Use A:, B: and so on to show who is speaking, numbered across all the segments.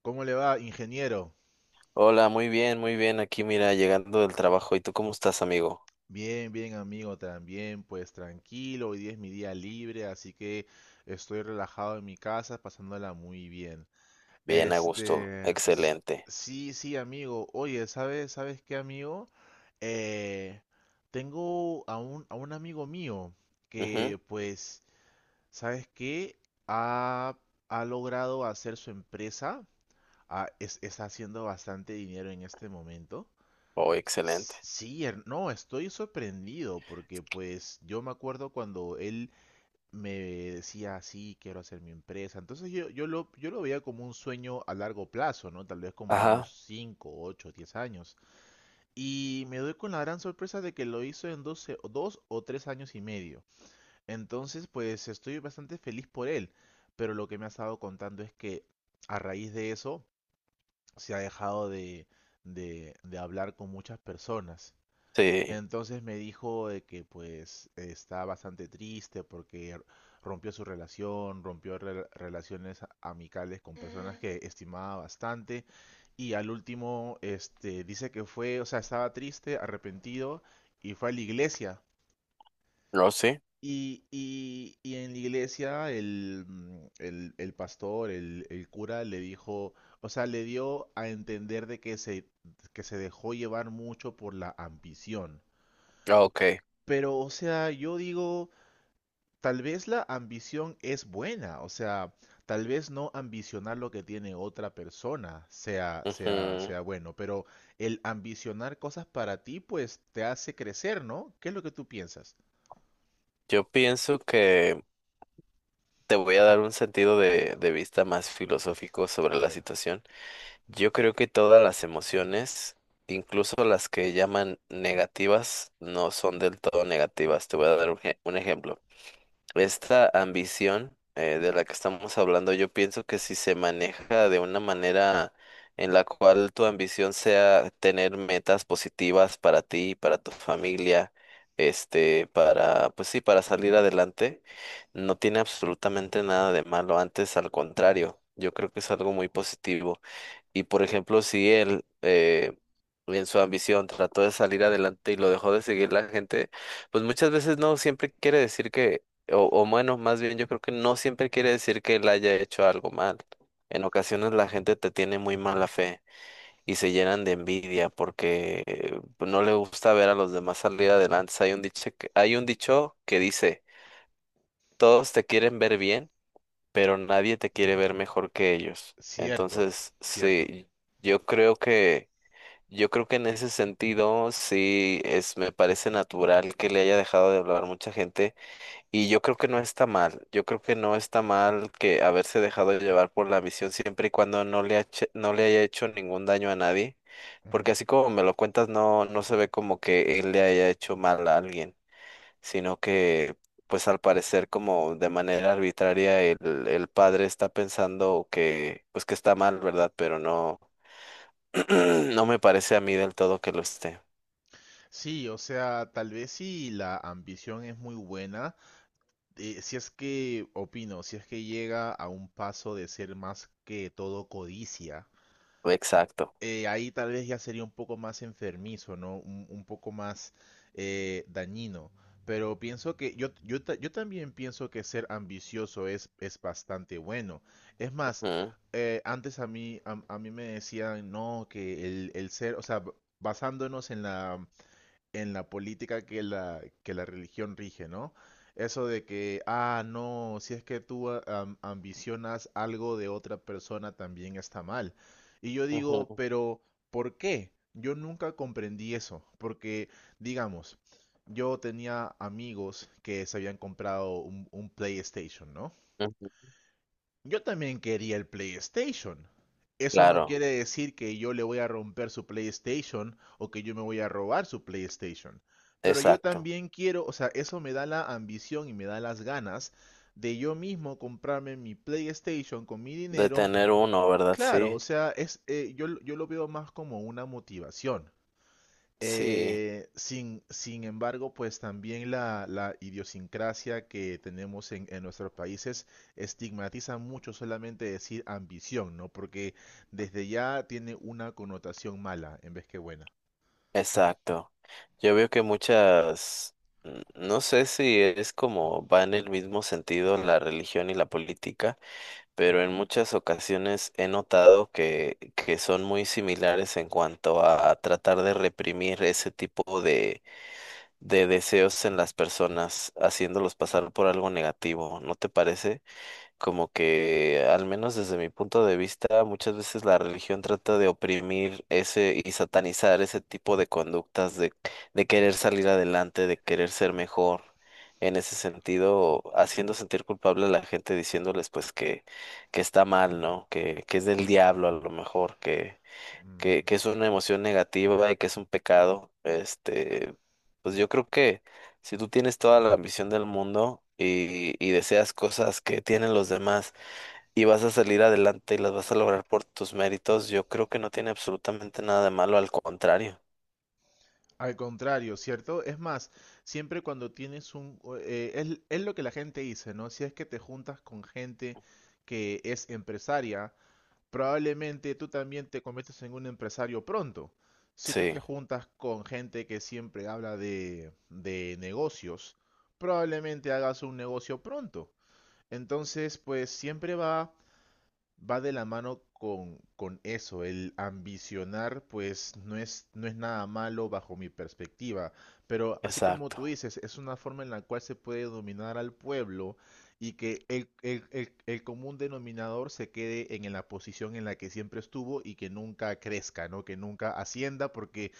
A: ¿Cómo le va, ingeniero?
B: Hola, muy bien, muy bien. Aquí, mira, llegando del trabajo. ¿Y tú cómo estás, amigo?
A: Bien, bien, amigo, también, pues tranquilo, hoy día es mi día libre, así que estoy relajado en mi casa, pasándola muy bien.
B: Bien, a gusto.
A: Este, s-
B: Excelente.
A: sí, sí, amigo. Oye, ¿sabes qué, amigo? Eh, Tengo a un amigo mío
B: Ujú.
A: que, pues, ¿sabes qué? Ha, ha logrado hacer su empresa. Está haciendo bastante dinero en este momento.
B: Oh, excelente.
A: Sí, no, estoy sorprendido porque pues yo me acuerdo cuando él me decía, sí, quiero hacer mi empresa. Entonces yo lo veía como un sueño a largo plazo, ¿no? Tal vez como a
B: Ajá,
A: unos 5 8 10 años. Y me doy con la gran sorpresa de que lo hizo en 12 o 2 o 3 años y medio. Entonces pues estoy bastante feliz por él. Pero lo que me ha estado contando es que a raíz de eso se ha dejado de hablar con muchas personas. Y
B: sí.
A: entonces me dijo de que pues está bastante triste porque rompió su relación, rompió relaciones amicales con personas que estimaba bastante, y al último dice que fue, o sea, estaba triste, arrepentido y fue a la iglesia.
B: No, sí.
A: Y en la iglesia el pastor, el cura le dijo, o sea, le dio a entender de que que se dejó llevar mucho por la ambición,
B: Ah, ok.
A: pero, o sea, yo digo, tal vez la ambición es buena, o sea, tal vez no ambicionar lo que tiene otra persona sea, sea,
B: Ujú.
A: sea bueno, pero el ambicionar cosas para ti, pues te hace crecer, ¿no? ¿Qué es lo que tú piensas?
B: Yo pienso que te voy a dar un sentido de vista más filosófico sobre
A: A
B: la
A: ver.
B: situación. Yo creo que todas las emociones, incluso las que llaman negativas, no son del todo negativas. Te voy a dar un, un ejemplo. Esta ambición de la que estamos hablando, yo pienso que si se maneja de una manera en la cual tu ambición sea tener metas positivas para ti, para tu familia, este, para, pues sí, para salir adelante, no tiene absolutamente nada de malo. Antes, al contrario, yo creo que es algo muy positivo. Y por ejemplo, si él en su ambición trató de salir adelante y lo dejó de seguir la gente, pues muchas veces no siempre quiere decir que, o bueno, más bien yo creo que no siempre quiere decir que él haya hecho algo mal. En ocasiones la gente te tiene muy mala fe y se llenan de envidia porque pues, no le gusta ver a los demás salir adelante. Hay un dicho que dice, todos te quieren ver bien pero nadie te quiere ver mejor que ellos.
A: Cierto,
B: Entonces,
A: cierto.
B: sí, yo creo que, yo creo que en ese sentido, sí, es, me parece natural que le haya dejado de hablar mucha gente y yo creo que no está mal, yo creo que no está mal que haberse dejado llevar por la visión siempre y cuando no le, no le haya hecho ningún daño a nadie, porque
A: Ujú.
B: así como me lo cuentas, no, no se ve como que él le haya hecho mal a alguien sino que pues al parecer como de manera arbitraria el padre está pensando que pues que está mal, ¿verdad? Pero no, no me parece a mí del todo que lo esté.
A: Sí, o sea, tal vez si la ambición es muy buena. Opino, si es que llega a un paso de ser más que todo codicia.
B: Exacto.
A: Ahí tal vez ya sería un poco más enfermizo, ¿no? Un poco más dañino. Pero pienso que yo también pienso que ser ambicioso es bastante bueno. Es más,
B: Ujú,
A: antes a mí, a mí me decían, no, que el ser, o sea, basándonos en la política que la religión rige, ¿no? Eso de que, no, si es que tú ambicionas algo de otra persona también está mal. Y yo digo,
B: ujú,
A: pero ¿por qué? Yo nunca comprendí eso, porque, digamos, yo tenía amigos que se habían comprado un PlayStation, ¿no?
B: ujú.
A: Yo también quería el PlayStation. Eso no
B: Claro,
A: quiere decir que yo le voy a romper su PlayStation o que yo me voy a robar su PlayStation. Pero yo
B: exacto.
A: también quiero, o sea, eso me da la ambición y me da las ganas de yo mismo comprarme mi PlayStation con mi
B: De
A: dinero.
B: tener uno, ¿verdad?
A: Claro, o
B: Sí,
A: sea, yo lo veo más como una motivación.
B: sí,
A: Sin embargo, pues también la idiosincrasia que tenemos en nuestros países estigmatiza mucho solamente decir ambición, ¿no? Porque desde ya tiene una connotación mala en vez que buena.
B: exacto. Yo veo que muchas, no sé si es como va en el mismo sentido la religión y la política pero en muchas ocasiones he notado que son muy similares en cuanto a tratar de reprimir ese tipo de deseos en las personas, haciéndolos pasar por algo negativo, ¿no te parece? Como que, al menos desde mi punto de vista, muchas veces la religión trata de oprimir ese y satanizar ese tipo de conductas de querer salir adelante, de querer ser mejor. En ese sentido, haciendo sentir culpable a la gente, diciéndoles pues que está mal, ¿no? Que es del diablo a lo mejor,
A: Mm.
B: que es una emoción negativa y que es un pecado, este, pues yo creo que si tú tienes toda la ambición del mundo y deseas cosas que tienen los demás y vas a salir adelante y las vas a lograr por tus méritos, yo creo que no tiene absolutamente nada de malo, al contrario.
A: Al contrario, ¿cierto? Es más, siempre cuando tienes un, es lo que la gente dice, ¿no? Si es que te juntas con gente que es empresaria, probablemente tú también te conviertes en un empresario pronto. Si tú te
B: Sí,
A: juntas con gente que siempre habla de negocios, probablemente hagas un negocio pronto. Entonces, pues siempre va de la mano con eso, el ambicionar, pues no es nada malo bajo mi perspectiva, pero así como tú
B: exacto.
A: dices, es una forma en la cual se puede dominar al pueblo y que el común denominador se quede en la posición en la que siempre estuvo y que nunca crezca, ¿no? Que nunca ascienda, porque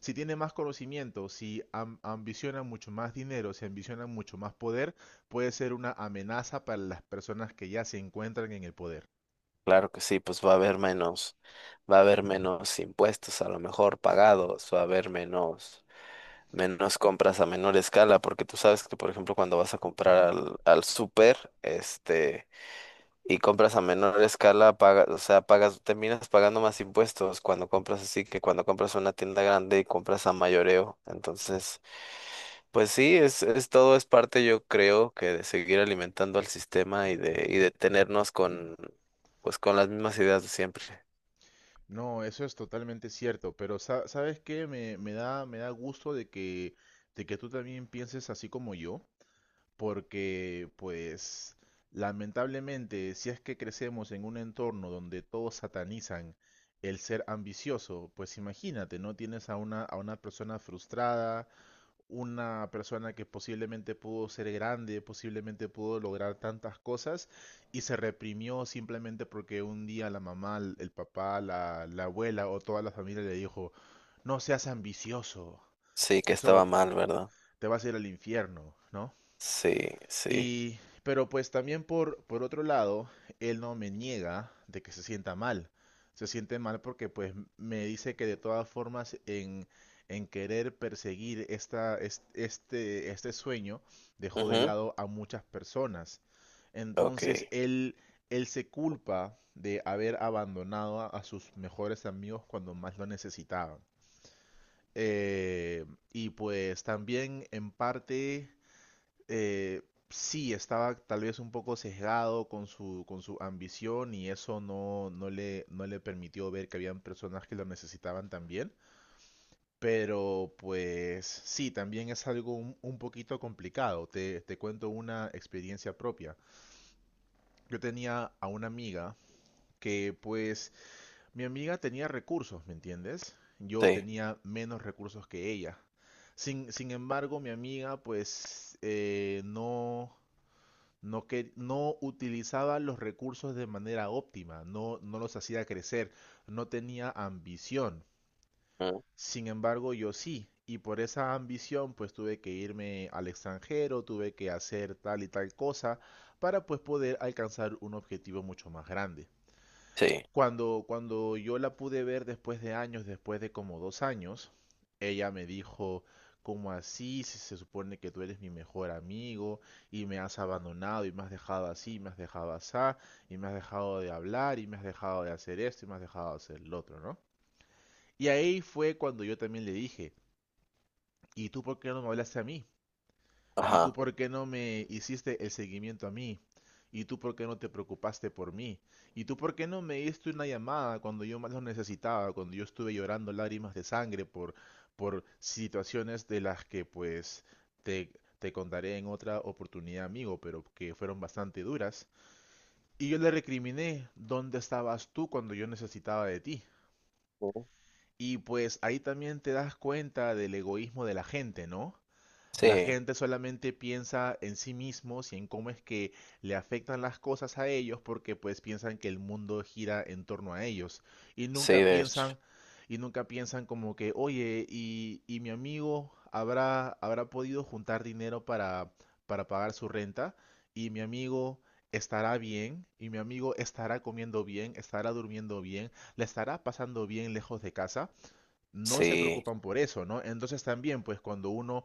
A: si tiene más conocimiento, si ambiciona mucho más dinero, si ambiciona mucho más poder, puede ser una amenaza para las personas que ya se encuentran en el poder.
B: Claro que sí, pues va a haber menos, va a haber menos impuestos a lo mejor pagados, va a haber menos menos compras a menor escala, porque tú sabes que, por ejemplo, cuando vas a comprar al súper, este, y compras a menor escala, pagas, o sea, pagas, terminas pagando más impuestos cuando compras así que cuando compras una tienda grande y compras a mayoreo. Entonces, pues sí, es todo es parte, yo creo, que de seguir alimentando al sistema y de tenernos con, pues con las mismas ideas de siempre.
A: No, eso es totalmente cierto, pero ¿sabes qué? Me da gusto de que tú también pienses así como yo, porque pues lamentablemente si es que crecemos en un entorno donde todos satanizan el ser ambicioso, pues imagínate, ¿no? Tienes a una persona frustrada, una persona que posiblemente pudo ser grande, posiblemente pudo lograr tantas cosas y se reprimió simplemente porque un día la mamá, el papá, la abuela o toda la familia le dijo, no seas ambicioso,
B: Sí, que estaba
A: eso
B: mal, ¿verdad?
A: te vas a ir al infierno, ¿no?
B: Sí, sí.
A: Y, pero pues también por, otro lado, él no me niega de que se sienta mal. Se siente mal porque pues me dice que de todas formas en, querer perseguir este sueño dejó de
B: Ujú,
A: lado a muchas personas.
B: ok.
A: Entonces él se culpa de haber abandonado a, sus mejores amigos cuando más lo necesitaban. Eh, y pues también en parte, eh, sí, estaba tal vez un poco sesgado con su, ambición y eso no le permitió ver que habían personas que lo necesitaban también. Pero pues sí, también es algo un poquito complicado. Te cuento una experiencia propia. Yo tenía a una amiga que pues mi amiga tenía recursos, ¿me entiendes? Yo
B: Sí.
A: tenía menos recursos que ella. Sin embargo, mi amiga pues no, no, que, no utilizaba los recursos de manera óptima, no, no los hacía crecer, no tenía ambición.
B: Mm,
A: Sin embargo, yo sí, y por esa ambición pues tuve que irme al extranjero, tuve que hacer tal y tal cosa para pues poder alcanzar un objetivo mucho más grande.
B: sí.
A: Cuando yo la pude ver después de años, después de como 2 años, ella me dijo, ¿cómo así? Si se supone que tú eres mi mejor amigo y me has abandonado y me has dejado así, y me has dejado asá, y me has dejado de hablar y me has dejado de hacer esto y me has dejado de hacer lo otro, ¿no? Y ahí fue cuando yo también le dije, ¿y tú por qué no me hablaste a mí? ¿Y tú
B: Ajá.
A: por qué no me hiciste el seguimiento a mí? ¿Y tú por qué no te preocupaste por mí? ¿Y tú por qué no me diste una llamada cuando yo más lo necesitaba, cuando yo estuve llorando lágrimas de sangre por, situaciones de las que pues te, te contaré en otra oportunidad, amigo, pero que fueron bastante duras? Y yo le recriminé, ¿dónde estabas tú cuando yo necesitaba de ti?
B: ¿No?
A: Y pues ahí también te das cuenta del egoísmo de la gente, ¿no? La
B: Sí,
A: gente solamente piensa en sí mismos y en cómo es que le afectan las cosas a ellos porque pues piensan que el mundo gira en torno a ellos y
B: sí,
A: nunca
B: de hecho.
A: piensan como que, oye, y mi amigo habrá podido juntar dinero para, pagar su renta y mi amigo estará bien y mi amigo estará comiendo bien, estará durmiendo bien, le estará pasando bien lejos de casa. No se
B: Sí,
A: preocupan por eso, ¿no? Entonces también pues cuando uno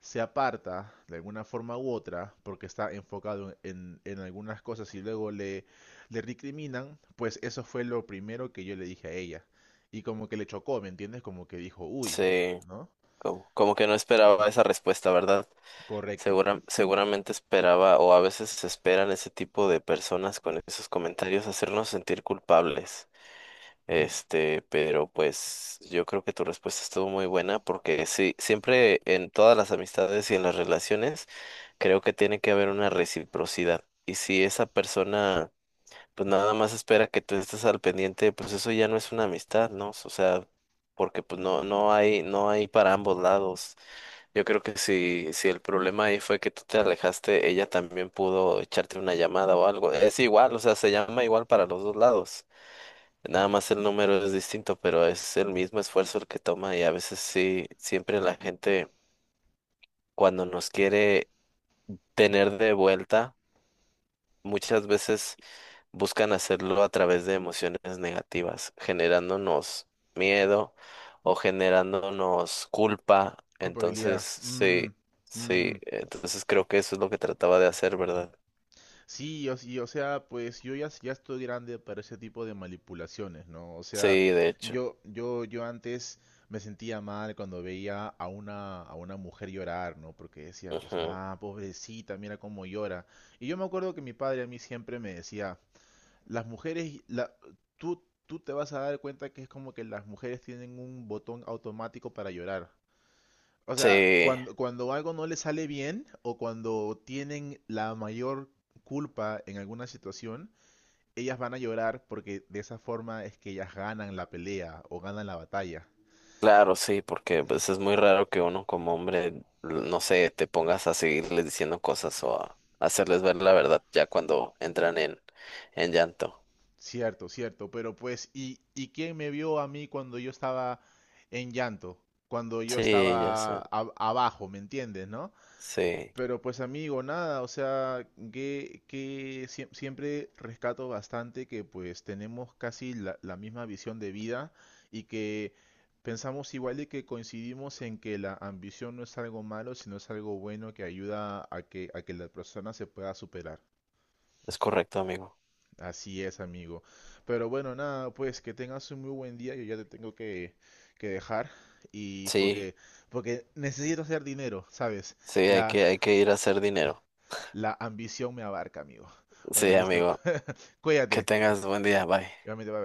A: se aparta de alguna forma u otra porque está enfocado en, algunas cosas y luego le, recriminan, pues eso fue lo primero que yo le dije a ella. Y como que le chocó, ¿me entiendes? Como que dijo, uy,
B: sí.
A: ¿no?
B: Como, como que no esperaba esa respuesta, ¿verdad?
A: Correcto.
B: Segura, seguramente esperaba, o a veces se esperan ese tipo de personas con esos comentarios hacernos sentir culpables. Este, pero pues yo creo que tu respuesta estuvo muy buena porque sí, siempre en todas las amistades y en las relaciones creo que tiene que haber una reciprocidad. Y si esa persona pues nada más espera que tú estés al pendiente, pues eso ya no es una amistad, ¿no? O sea, porque pues no, no hay, no hay para ambos lados. Yo creo que si, si el problema ahí fue que tú te alejaste, ella también pudo echarte una llamada o algo. Es igual, o sea, se llama igual para los dos lados. Nada más el número es distinto, pero es el mismo esfuerzo el que toma y a veces sí, siempre la gente cuando nos quiere tener de vuelta, muchas veces buscan hacerlo a través de emociones negativas, generándonos miedo o generándonos culpa.
A: Culpabilidad.
B: Entonces,
A: Mm,
B: sí, sí,
A: mhm.
B: entonces creo que eso es lo que trataba de hacer, ¿verdad?
A: Sí, o sea, pues yo ya estoy grande para ese tipo de manipulaciones, ¿no? O sea,
B: Sí, de hecho.
A: yo antes me sentía mal cuando veía a una, mujer llorar, ¿no? Porque decía, pues,
B: Ujú.
A: ah, pobrecita, mira cómo llora. Y yo me acuerdo que mi padre a mí siempre me decía, las mujeres, tú te vas a dar cuenta que es como que las mujeres tienen un botón automático para llorar. O
B: Sí,
A: sea, cuando algo no les sale bien o cuando tienen la mayor culpa en alguna situación, ellas van a llorar porque de esa forma es que ellas ganan la pelea o ganan la batalla.
B: claro, sí, porque pues es muy raro que uno como hombre, no sé, te pongas a seguirles diciendo cosas o a hacerles ver la verdad ya cuando entran en llanto.
A: Cierto, cierto, pero pues, ¿y quién me vio a mí cuando yo estaba en llanto? Cuando yo
B: Sí, ya
A: estaba
B: sé.
A: abajo, ¿me entiendes, no?
B: Sí,
A: Pero pues amigo, nada, o sea, siempre rescato bastante que pues tenemos casi la misma visión de vida y que pensamos igual y que coincidimos en que la ambición no es algo malo, sino es algo bueno que ayuda a que la persona se pueda superar.
B: es correcto, amigo.
A: Así es, amigo. Pero bueno, nada, pues que tengas un muy buen día, yo ya te tengo que dejar y
B: Sí.
A: porque necesito hacer dinero, ¿sabes?
B: Sí,
A: La,
B: hay que ir a hacer dinero.
A: La ambición me abarca, amigo. Bueno,
B: Sí,
A: listo.
B: amigo. Que
A: Cuídate.
B: tengas buen día. Bye.
A: Igualmente, bye, bye.